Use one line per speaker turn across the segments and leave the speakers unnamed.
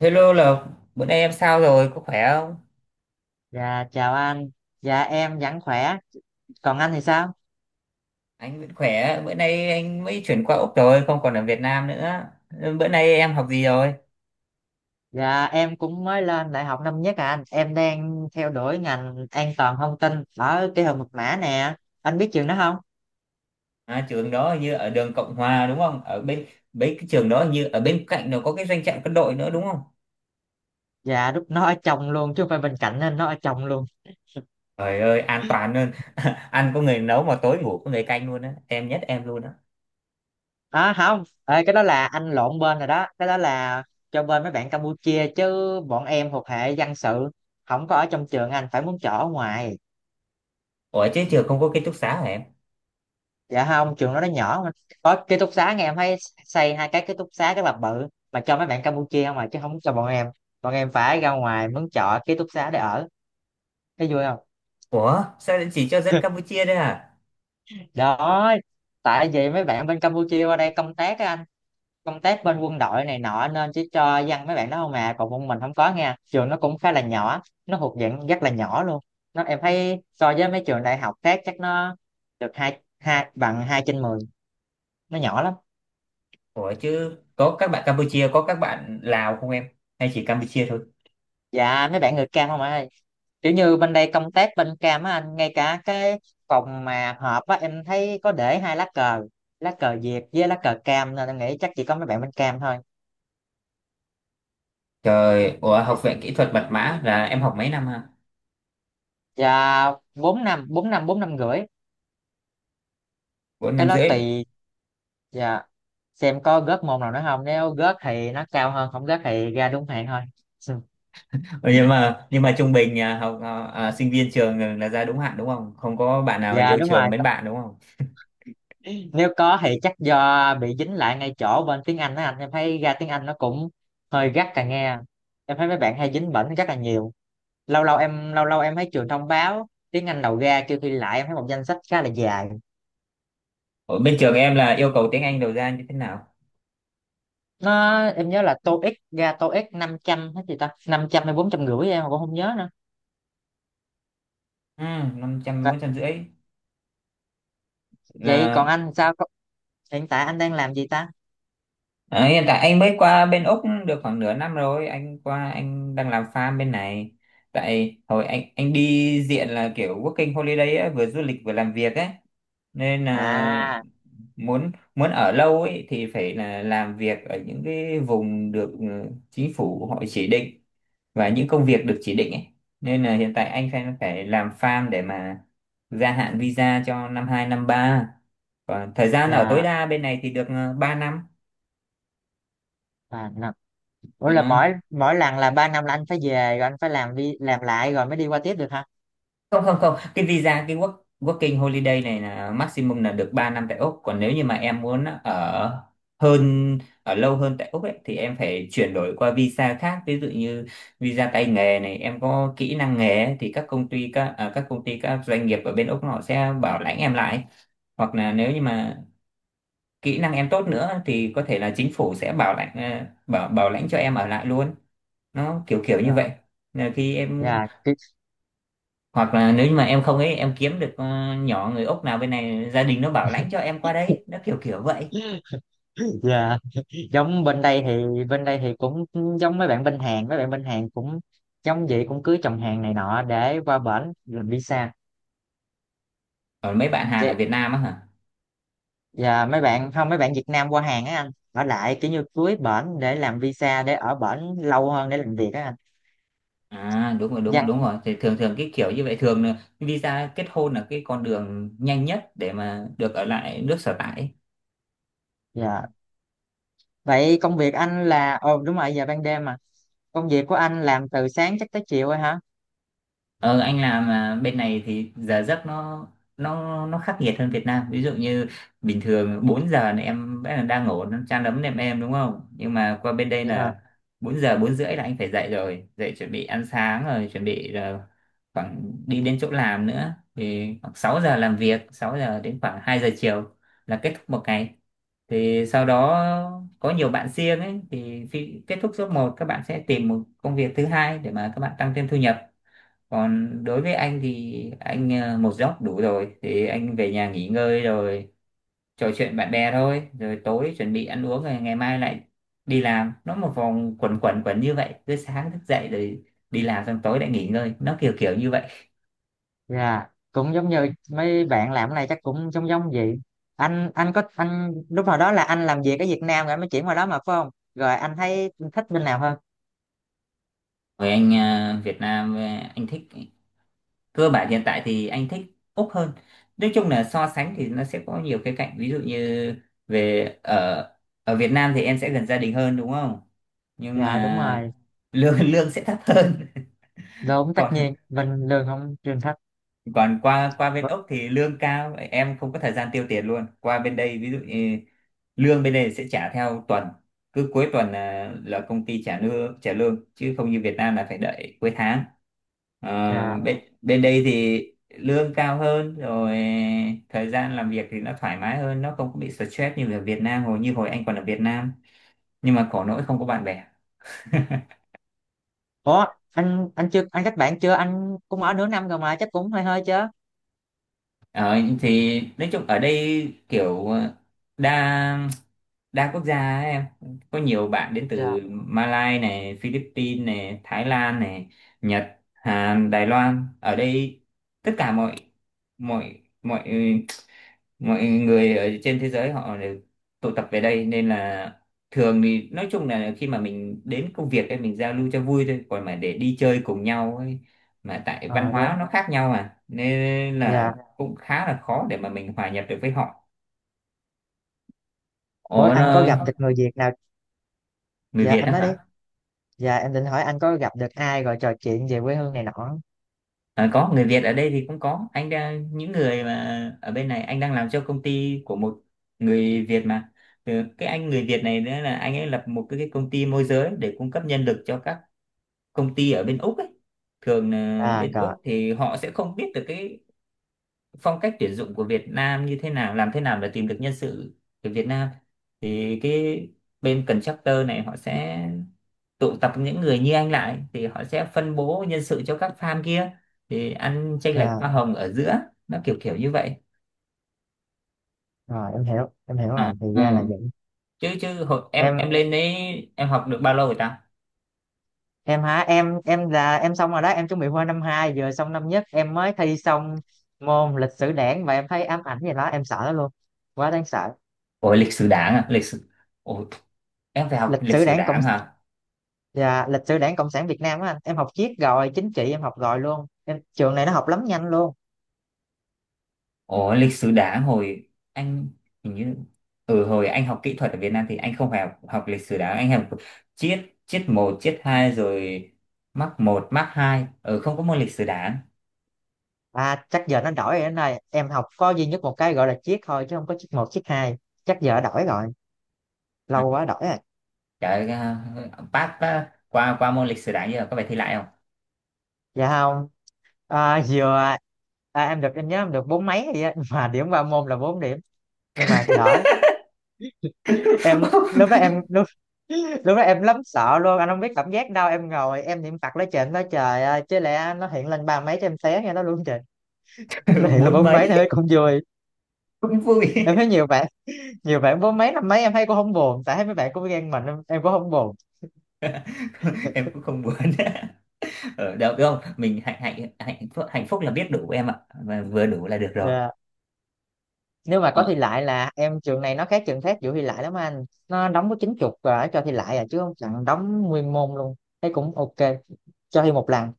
Hello Lộc, bữa nay em sao rồi, có khỏe không?
Dạ chào anh, dạ em vẫn khỏe, còn anh thì sao?
Anh vẫn khỏe, bữa nay anh mới chuyển qua Úc rồi, không còn ở Việt Nam nữa. Bữa nay em học gì rồi?
Dạ em cũng mới lên đại học năm nhất à anh, em đang theo đuổi ngành an toàn thông tin ở kỹ thuật mật mã nè, anh biết trường đó không?
À, trường đó hình như ở đường Cộng Hòa đúng không? Ở bên bên cái trường đó hình như ở bên cạnh nó có cái doanh trại quân đội nữa đúng không?
Dạ lúc nó ở chồng luôn chứ không phải bên cạnh nên nó ở chồng luôn.
Trời ơi, an toàn hơn. Ăn có người nấu mà tối ngủ có người canh luôn á. Em nhất em luôn á.
À không, ê, cái đó là anh lộn bên rồi đó, cái đó là cho bên mấy bạn Campuchia chứ bọn em thuộc hệ dân sự, không có ở trong trường anh, phải muốn chỗ ở ngoài.
Ủa chứ trường không có ký túc xá hả em?
Dạ không, trường đó nó nhỏ mà có ký túc xá, nghe em thấy xây hai cái ký túc xá rất là bự mà cho mấy bạn Campuchia không mà, chứ không cho bọn em, bọn em phải ra ngoài mướn trọ ký túc xá để ở, thấy vui không.
Ủa, sao lại chỉ cho dân Campuchia đấy à?
Đó, tại vì mấy bạn bên Campuchia qua đây công tác á anh, công tác bên quân đội này nọ nên chỉ cho dân mấy bạn đó không à, còn bọn mình không có nha, trường nó cũng khá là nhỏ, nó thuộc dạng rất là nhỏ luôn, nó em thấy so với mấy trường đại học khác chắc nó được hai, hai bằng hai trên mười, nó nhỏ lắm.
Ủa chứ có các bạn Campuchia, có các bạn Lào không em? Hay chỉ Campuchia thôi?
Dạ mấy bạn người cam không ạ, kiểu như bên đây công tác bên cam á anh, ngay cả cái phòng mà họp á em thấy có để hai lá cờ, lá cờ Việt với lá cờ cam, nên em nghĩ chắc chỉ có mấy bạn bên cam thôi.
Trời, ủa học viện kỹ thuật mật mã là em học mấy năm hả?
Dạ 4 năm, 4 năm, 4 năm rưỡi
Bốn
Cái
năm
đó
rưỡi.
tùy, dạ, xem có gớt môn nào nữa không, nếu gớt thì nó cao hơn, không gớt thì ra đúng hạn thôi Ừ.
Ừ, nhưng mà trung bình à, học sinh viên trường là ra đúng hạn đúng không? Không có bạn nào
Dạ
yêu
đúng rồi,
trường mến bạn đúng không?
nếu có thì chắc do bị dính lại ngay chỗ bên tiếng Anh á anh, em thấy ra tiếng Anh nó cũng hơi gắt càng nghe, em thấy mấy bạn hay dính bẩn rất là nhiều, lâu lâu em thấy trường thông báo tiếng Anh đầu ra kêu thi lại, em thấy một danh sách khá là dài.
Ở bên trường em là yêu cầu tiếng Anh đầu ra như thế nào?
Nó em nhớ là TOEIC ra tô ích 500, hết gì ta, 500 hay 450 em mà cũng không nhớ nữa.
Ừ, năm trăm
Ờ,
bốn trăm rưỡi
vậy còn
là.
anh sao hiện tại anh đang làm gì ta?
Ờ, Hiện tại anh mới qua bên Úc được khoảng nửa năm rồi, anh qua anh đang làm farm bên này. Tại hồi anh đi diện là kiểu working holiday ấy, vừa du lịch vừa làm việc ấy, nên là
À
muốn muốn ở lâu ấy thì phải là làm việc ở những cái vùng được, chính phủ họ chỉ định, và những công việc được chỉ định ấy. Nên là hiện tại anh phải phải làm farm để mà gia hạn visa cho năm hai, năm ba. Còn thời gian ở tối
dạ
đa bên này thì được, 3 năm.
3 năm. Ủa là
Đó.
mỗi mỗi lần là 3 năm là anh phải về rồi anh phải làm đi làm lại rồi mới đi qua tiếp được hả?
Không, không, không, cái visa cái working holiday này là maximum là được 3 năm tại Úc. Còn nếu như mà em muốn ở lâu hơn tại Úc ấy, thì em phải chuyển đổi qua visa khác. Ví dụ như visa tay nghề này, em có kỹ năng nghề ấy, thì các công ty các à, các công ty, các doanh nghiệp ở bên Úc họ sẽ bảo lãnh em lại. Hoặc là nếu như mà kỹ năng em tốt nữa thì có thể là chính phủ sẽ bảo lãnh, bảo bảo lãnh cho em ở lại luôn. Nó kiểu kiểu như
Dạ.
vậy. Là khi em
Dạ.
Hoặc là nếu như mà em không ấy, em kiếm được, nhỏ người Úc nào bên này, gia đình nó bảo lãnh cho em qua đấy. Nó kiểu kiểu vậy.
Dạ giống bên đây, thì cũng giống mấy bạn bên Hàn, cũng giống vậy, cũng cưới chồng Hàn này nọ để qua bển làm visa.
Còn mấy bạn Hàn ở
Vậy-
Việt Nam á hả?
và mấy bạn không, mấy bạn Việt Nam qua Hàn á anh, ở lại kiểu như cưới bển để làm visa để ở bển lâu hơn để làm việc á anh.
À, đúng rồi, đúng rồi,
Dạ.
đúng rồi, thì thường thường cái kiểu như vậy, thường là visa kết hôn là cái con đường nhanh nhất để mà được ở lại nước sở tại.
Dạ vậy công việc anh là, ồ đúng rồi giờ ban đêm mà, công việc của anh làm từ sáng chắc tới chiều rồi hả?
Ờ, anh làm bên này thì giờ giấc nó khắc nghiệt hơn Việt Nam. Ví dụ như bình thường 4 giờ là em vẫn là đang ngủ nó chan ấm nệm em đúng không? Nhưng mà qua bên đây
Dạ.
là 4 giờ 4 rưỡi là anh phải dậy rồi, dậy chuẩn bị ăn sáng rồi chuẩn bị là khoảng đi đến chỗ làm nữa thì khoảng 6 giờ làm việc, 6 giờ đến khoảng 2 giờ chiều là kết thúc một ngày. Thì sau đó có nhiều bạn riêng ấy, thì khi kết thúc job một, các bạn sẽ tìm một công việc thứ hai để mà các bạn tăng thêm thu nhập. Còn đối với anh thì anh, một giấc đủ rồi thì anh về nhà nghỉ ngơi rồi trò chuyện bạn bè thôi, rồi tối chuẩn bị ăn uống, rồi ngày mai lại đi làm. Nó một vòng quẩn quẩn quẩn như vậy, cứ sáng thức dậy rồi đi làm, xong tối lại nghỉ ngơi. Nó kiểu kiểu như vậy.
Dạ, cũng giống như mấy bạn làm cái này chắc cũng giống giống vậy. Anh có lúc nào đó là anh làm việc ở Việt Nam rồi anh mới chuyển qua đó mà phải không? Rồi anh thấy thích bên nào hơn?
Với anh, Việt Nam, anh thích, cơ bản hiện tại thì anh thích Úc hơn. Nói chung là so sánh thì nó sẽ có nhiều cái cạnh, ví dụ như về ở, ở Việt Nam thì em sẽ gần gia đình hơn đúng không, nhưng
Dạ đúng
mà
rồi,
lương lương sẽ thấp hơn.
đúng tất
còn
nhiên bên lương không trên thích.
còn qua qua bên Úc thì lương cao, em không có thời gian tiêu tiền luôn. Qua bên đây ví dụ như lương bên đây sẽ trả theo tuần, cứ cuối tuần là công ty trả trả lương, chứ không như Việt Nam là phải đợi cuối tháng. Ờ,
Dạ.
bên bên đây thì lương cao hơn rồi, thời gian làm việc thì nó thoải mái hơn, nó không có bị stress như ở Việt Nam hồi, như hồi anh còn ở Việt Nam. Nhưng mà khổ nỗi không có bạn bè.
Ủa, anh chưa kết bạn chưa? Anh cũng ở nửa năm rồi mà chắc cũng hơi hơi chứ.
Ờ, thì nói chung ở đây kiểu, đa đa quốc gia ấy, em có nhiều bạn đến
Dạ.
từ Malaysia này, Philippines này, Thái Lan này, Nhật, Hàn, Đài Loan ở đây. Tất cả mọi mọi mọi mọi người ở trên thế giới họ đều tụ tập về đây, nên là thường thì nói chung là khi mà mình đến công việc ấy mình giao lưu cho vui thôi, còn mà để đi chơi cùng nhau ấy, mà tại văn
Ờ đúng.
hóa nó khác nhau mà nên là
Dạ.
cũng khá là khó để mà mình hòa nhập được với họ.
Ủa
Ủa nó
anh có gặp được người Việt nào?
người
Dạ
Việt
anh
đó
nói đi.
hả?
Dạ em định hỏi anh có gặp được ai rồi trò chuyện về quê hương này nọ.
À, có người Việt ở đây thì cũng có, anh đang những người mà ở bên này anh đang làm cho công ty của một người Việt mà. Ừ, cái anh người Việt này nữa là anh ấy lập một cái công ty môi giới để cung cấp nhân lực cho các công ty ở bên Úc ấy. Thường là
À
bên
rồi.
Úc thì họ sẽ không biết được cái phong cách tuyển dụng của Việt Nam như thế nào, làm thế nào để tìm được nhân sự từ Việt Nam, thì cái bên contractor này họ sẽ tụ tập những người như anh lại, thì họ sẽ phân bố nhân sự cho các farm kia, thì ăn chênh lệch
Dạ.
hoa hồng ở giữa. Nó kiểu kiểu như vậy.
Rồi em hiểu
À,
rồi, thì
ừ.
ra là vậy.
chứ chứ hồi
Em
em lên đấy, em học được bao lâu rồi ta?
em hả em là em xong rồi đó, em chuẩn bị qua năm hai, vừa xong năm nhất em mới thi xong môn lịch sử đảng và em thấy ám ảnh gì đó, em sợ nó luôn, quá đáng sợ.
Ôi lịch sử đảng à? Lịch sử, ôi. Em phải học
Lịch
lịch
sử
sử
đảng cộng,
đảng hả?
dạ, lịch sử đảng cộng sản Việt Nam á anh, em học triết rồi chính trị em học rồi luôn, em trường này nó học lắm nhanh luôn.
Ồ, lịch sử đá, hồi anh hình như, ừ hồi anh học kỹ thuật ở Việt Nam thì anh không phải học lịch sử đá. Anh học triết, triết một triết hai rồi mắc một mắc hai, ừ không có môn lịch sử đá.
À chắc giờ nó đổi rồi anh ơi, em học có duy nhất một cái gọi là triết thôi chứ không có triết một triết hai, chắc giờ đổi rồi,
À,
lâu quá đổi rồi.
trời, à, pass pass qua qua môn lịch sử đá như là có phải thi lại không?
Dạ không. à, vừa em được em nhớ em được bốn mấy gì á mà điểm ba môn là bốn điểm, nhưng mà đỡ. Em lúc đó em lúc, lúc đó em lắm sợ luôn anh không biết cảm giác đâu, em ngồi em niệm Phật lấy trên nói trời ơi chứ lẽ nó hiện lên ba mấy cho em té nghe nó luôn, trời. Nó hiện lên
Bốn
bốn mấy
mấy
nó thấy cũng vui.
cũng vui.
Em thấy nhiều bạn bốn mấy năm mấy em thấy cũng không buồn, tại thấy mấy bạn cũng ghen mình em cũng không buồn.
Em cũng không muốn. Ở đâu đúng không, mình hạnh hạnh hạnh phúc. Hạnh phúc là biết đủ em ạ, và vừa đủ là được rồi.
Dạ. Nếu mà có
Ờ,
thi lại là em, trường này nó khác trường khác vụ thi lại lắm anh, nó đóng có 90 rồi cho thi lại à, chứ không chẳng đóng nguyên môn luôn, thấy cũng ok cho thi một lần.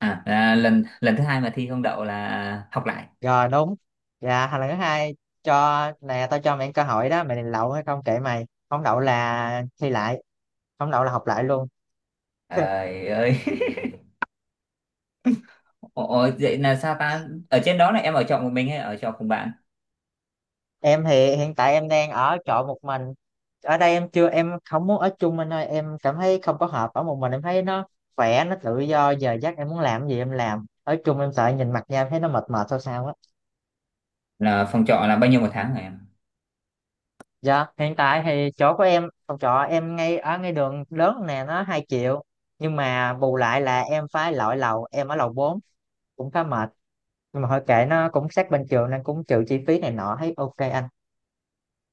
à là lần lần thứ hai mà thi không đậu là học lại.
Rồi đúng. Dạ hành lần thứ hai, cho nè, tao cho mày cơ hội đó, mày định đậu hay không kệ mày. Không đậu là thi lại, không đậu là học lại luôn.
Trời ơi. Ủa, vậy là sao ta? Ở trên đó là em ở trọ một mình hay ở trọ cùng bạn?
Em thì hiện tại em đang ở trọ một mình. Ở đây em chưa, em không muốn ở chung anh ơi, em cảm thấy không có hợp, ở một mình em thấy nó khỏe, nó tự do, giờ giấc em muốn làm gì em làm. Ở chung em sợ nhìn mặt nhau em thấy nó mệt mệt sao sao á.
Là phòng trọ là bao nhiêu một tháng hả em?
Dạ, hiện tại thì chỗ của em, phòng trọ em ngay ở ngay đường lớn nè, nó 2 triệu. Nhưng mà bù lại là em phải lội lầu, em ở lầu 4, cũng khá mệt, nhưng mà thôi kệ, nó cũng sát bên trường nên cũng trừ chi phí này nọ thấy ok anh.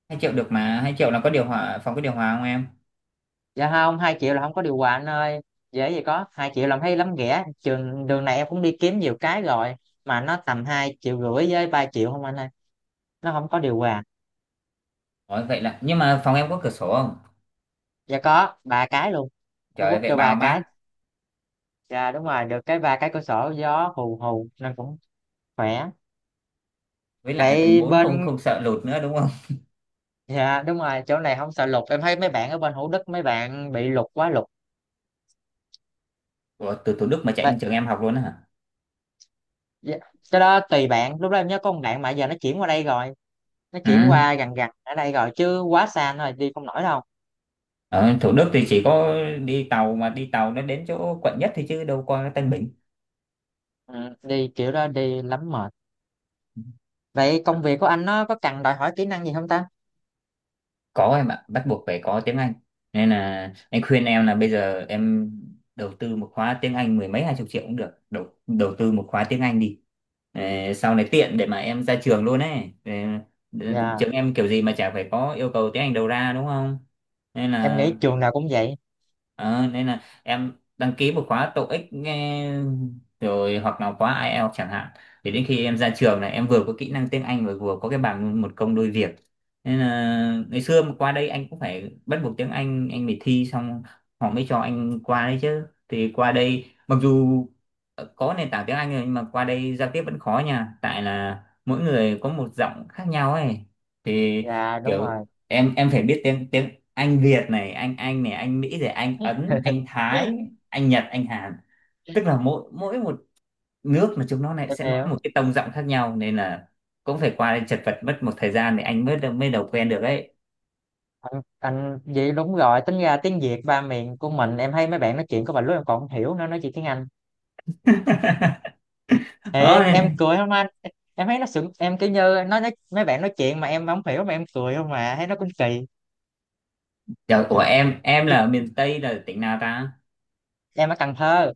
Hai triệu được mà, 2 triệu là có điều hòa, phòng có điều hòa không em?
Dạ không, 2 triệu là không có điều hòa anh ơi, dễ gì có, 2 triệu làm thấy lắm ghẻ, trường đường này em cũng đi kiếm nhiều cái rồi mà nó tầm 2 triệu rưỡi với 3 triệu không anh ơi, nó không có điều hòa.
Ủa, vậy là, nhưng mà phòng em có cửa sổ không?
Dạ có 3 cái luôn. Nó
Trời ơi,
quất
vậy
cho ba
bao
cái
mát.
dạ đúng rồi, được cái 3 cái cửa sổ gió hù hù nên cũng khỏe.
Với lại ở tầng
Vậy
bốn, không
bên,
không sợ lụt nữa đúng không?
dạ đúng rồi chỗ này không sợ lụt, em thấy mấy bạn ở bên Hữu Đức mấy bạn bị lụt, quá lụt.
Ủa, từ Thủ Đức mà chạy
Vậy,
lên trường em học luôn á hả?
dạ, cái đó tùy bạn, lúc đó em nhớ có một bạn mà giờ nó chuyển qua đây rồi, nó
Ừ.
chuyển qua gần gần ở đây rồi chứ quá xa rồi đi không nổi đâu.
Ở Thủ Đức thì chỉ có đi tàu, mà đi tàu nó đến chỗ quận nhất thì chứ đâu qua Tân Bình.
Ừ, đi kiểu đó đi lắm mệt. Vậy công việc của anh nó có cần đòi hỏi kỹ năng gì không ta?
Có em ạ, bắt buộc phải có tiếng Anh, nên là anh khuyên em là bây giờ em đầu tư một khóa tiếng Anh mười mấy hai chục triệu cũng được, đầu đầu tư một khóa tiếng Anh đi. Ờ, sau này tiện để mà em ra trường luôn ấy. Ờ,
Dạ
trường em kiểu gì mà chả phải có yêu cầu tiếng Anh đầu ra đúng không, nên
em
là.
nghĩ trường nào cũng vậy.
Ờ, nên là em đăng ký một khóa TOEIC nghe, rồi hoặc là khóa IELTS chẳng hạn, thì đến khi em ra trường này em vừa có kỹ năng tiếng Anh và vừa có cái bằng, một công đôi việc. Nên là ngày xưa mà qua đây anh cũng phải bắt buộc tiếng Anh phải thi xong họ mới cho anh qua đấy chứ. Thì qua đây mặc dù, có nền tảng tiếng Anh rồi nhưng mà qua đây giao tiếp vẫn khó nha, tại là mỗi người có một giọng khác nhau ấy. Thì
Dạ đúng
kiểu
rồi.
em phải biết tiếng tiếng anh Việt này, anh này, anh Mỹ này, anh Ấn, anh Thái, anh Nhật, anh Hàn, tức là mỗi mỗi một nước mà chúng nó lại
Em
sẽ nói
hiểu.
một cái tông giọng khác nhau, nên là cũng phải qua đây chật vật mất một thời gian thì anh mới mới đầu quen được ấy.
Anh vậy đúng rồi, tính ra tiếng Việt ba miền của mình em thấy mấy bạn nói chuyện có vài lúc em còn không hiểu, nó nói chuyện tiếng Anh.
Đó
Thiệt, em
nên.
cười không anh, em thấy nó sững em, kiểu như nó nói, mấy bạn nói chuyện mà em không hiểu mà em cười không mà thấy nó cũng kỳ.
Trời, ủa em là ở miền Tây là tỉnh nào ta?
Em ở Cần Thơ.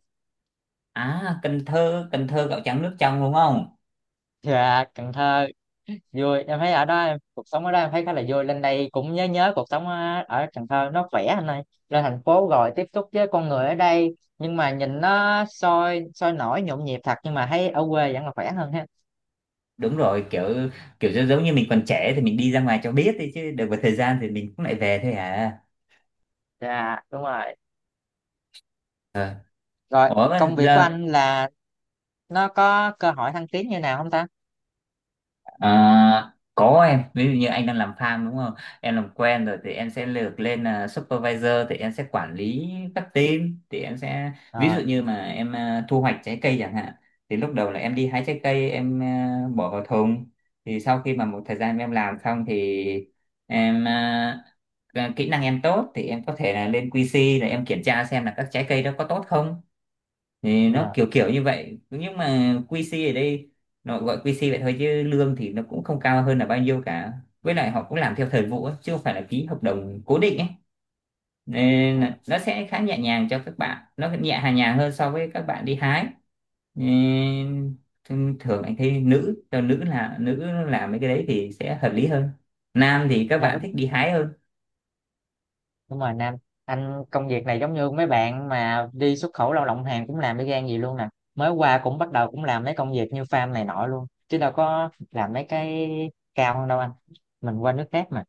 À, Cần Thơ. Cần Thơ gạo trắng nước trong đúng không?
Dạ Cần Thơ vui, em thấy ở đó em cuộc sống ở đó em thấy khá là vui, lên đây cũng nhớ nhớ cuộc sống ở, ở Cần Thơ, nó khỏe anh ơi. Lên thành phố rồi tiếp xúc với con người ở đây, nhưng mà nhìn nó sôi sôi nổi nhộn nhịp thật, nhưng mà thấy ở quê vẫn là khỏe hơn ha.
Đúng rồi, kiểu kiểu giống giống như mình còn trẻ thì mình đi ra ngoài cho biết đi, chứ được một thời gian thì mình cũng lại về thôi à.
Dạ đúng rồi,
Ờ.
rồi
Ủa mà
công việc của
giờ.
anh là nó có cơ hội thăng tiến như nào không ta?
À, có em, ví dụ như anh đang làm farm đúng không, em làm quen rồi thì em sẽ lược lên là supervisor, thì em sẽ quản lý các team, thì em sẽ ví dụ
Ờ,
như mà em, thu hoạch trái cây chẳng hạn, thì lúc đầu là em đi hái trái cây em, bỏ vào thùng, thì sau khi mà một thời gian em làm xong thì em, kỹ năng em tốt thì em có thể là lên QC để em kiểm tra xem là các trái cây đó có tốt không, thì nó
dạ,
kiểu kiểu như vậy. Nhưng mà QC ở đây nó gọi QC vậy thôi chứ lương thì nó cũng không cao hơn là bao nhiêu cả, với lại họ cũng làm theo thời vụ ấy, chứ không phải là ký hợp đồng cố định ấy, nên
à,
là nó sẽ khá nhẹ nhàng cho các bạn, nó nhẹ hà nhàng hơn so với các bạn đi hái. Nên thường anh thấy nữ, cho nữ là nữ làm mấy cái đấy thì sẽ hợp lý hơn, nam thì các
dạ
bạn
đúng,
thích đi hái hơn.
đúng rồi Nam, anh công việc này giống như mấy bạn mà đi xuất khẩu lao động Hàn cũng làm y gan gì luôn nè, mới qua cũng bắt đầu cũng làm mấy công việc như farm này nọ luôn chứ đâu có làm mấy cái cao hơn đâu anh, mình qua nước khác mà.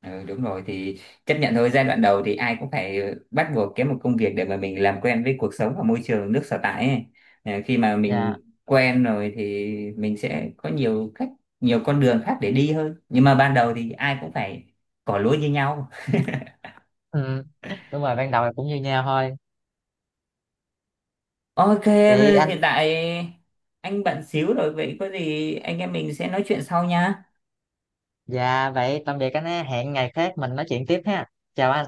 Ừ, đúng rồi thì chấp nhận thôi, giai đoạn đầu thì ai cũng phải, bắt buộc kiếm một công việc để mà mình làm quen với cuộc sống và môi trường nước sở tại ấy. Ờ, khi mà
Dạ.
mình quen rồi thì mình sẽ có nhiều cách, nhiều con đường khác để đi hơn, nhưng mà ban đầu thì ai cũng phải cỏ lúa như nhau.
Ừ. Đúng rồi ban đầu là cũng như nhau thôi.
OK,
Chị anh.
hiện tại anh bận xíu rồi, vậy có gì anh em mình sẽ nói chuyện sau nha.
Dạ vậy tạm biệt anh ha, hẹn ngày khác mình nói chuyện tiếp ha, chào anh.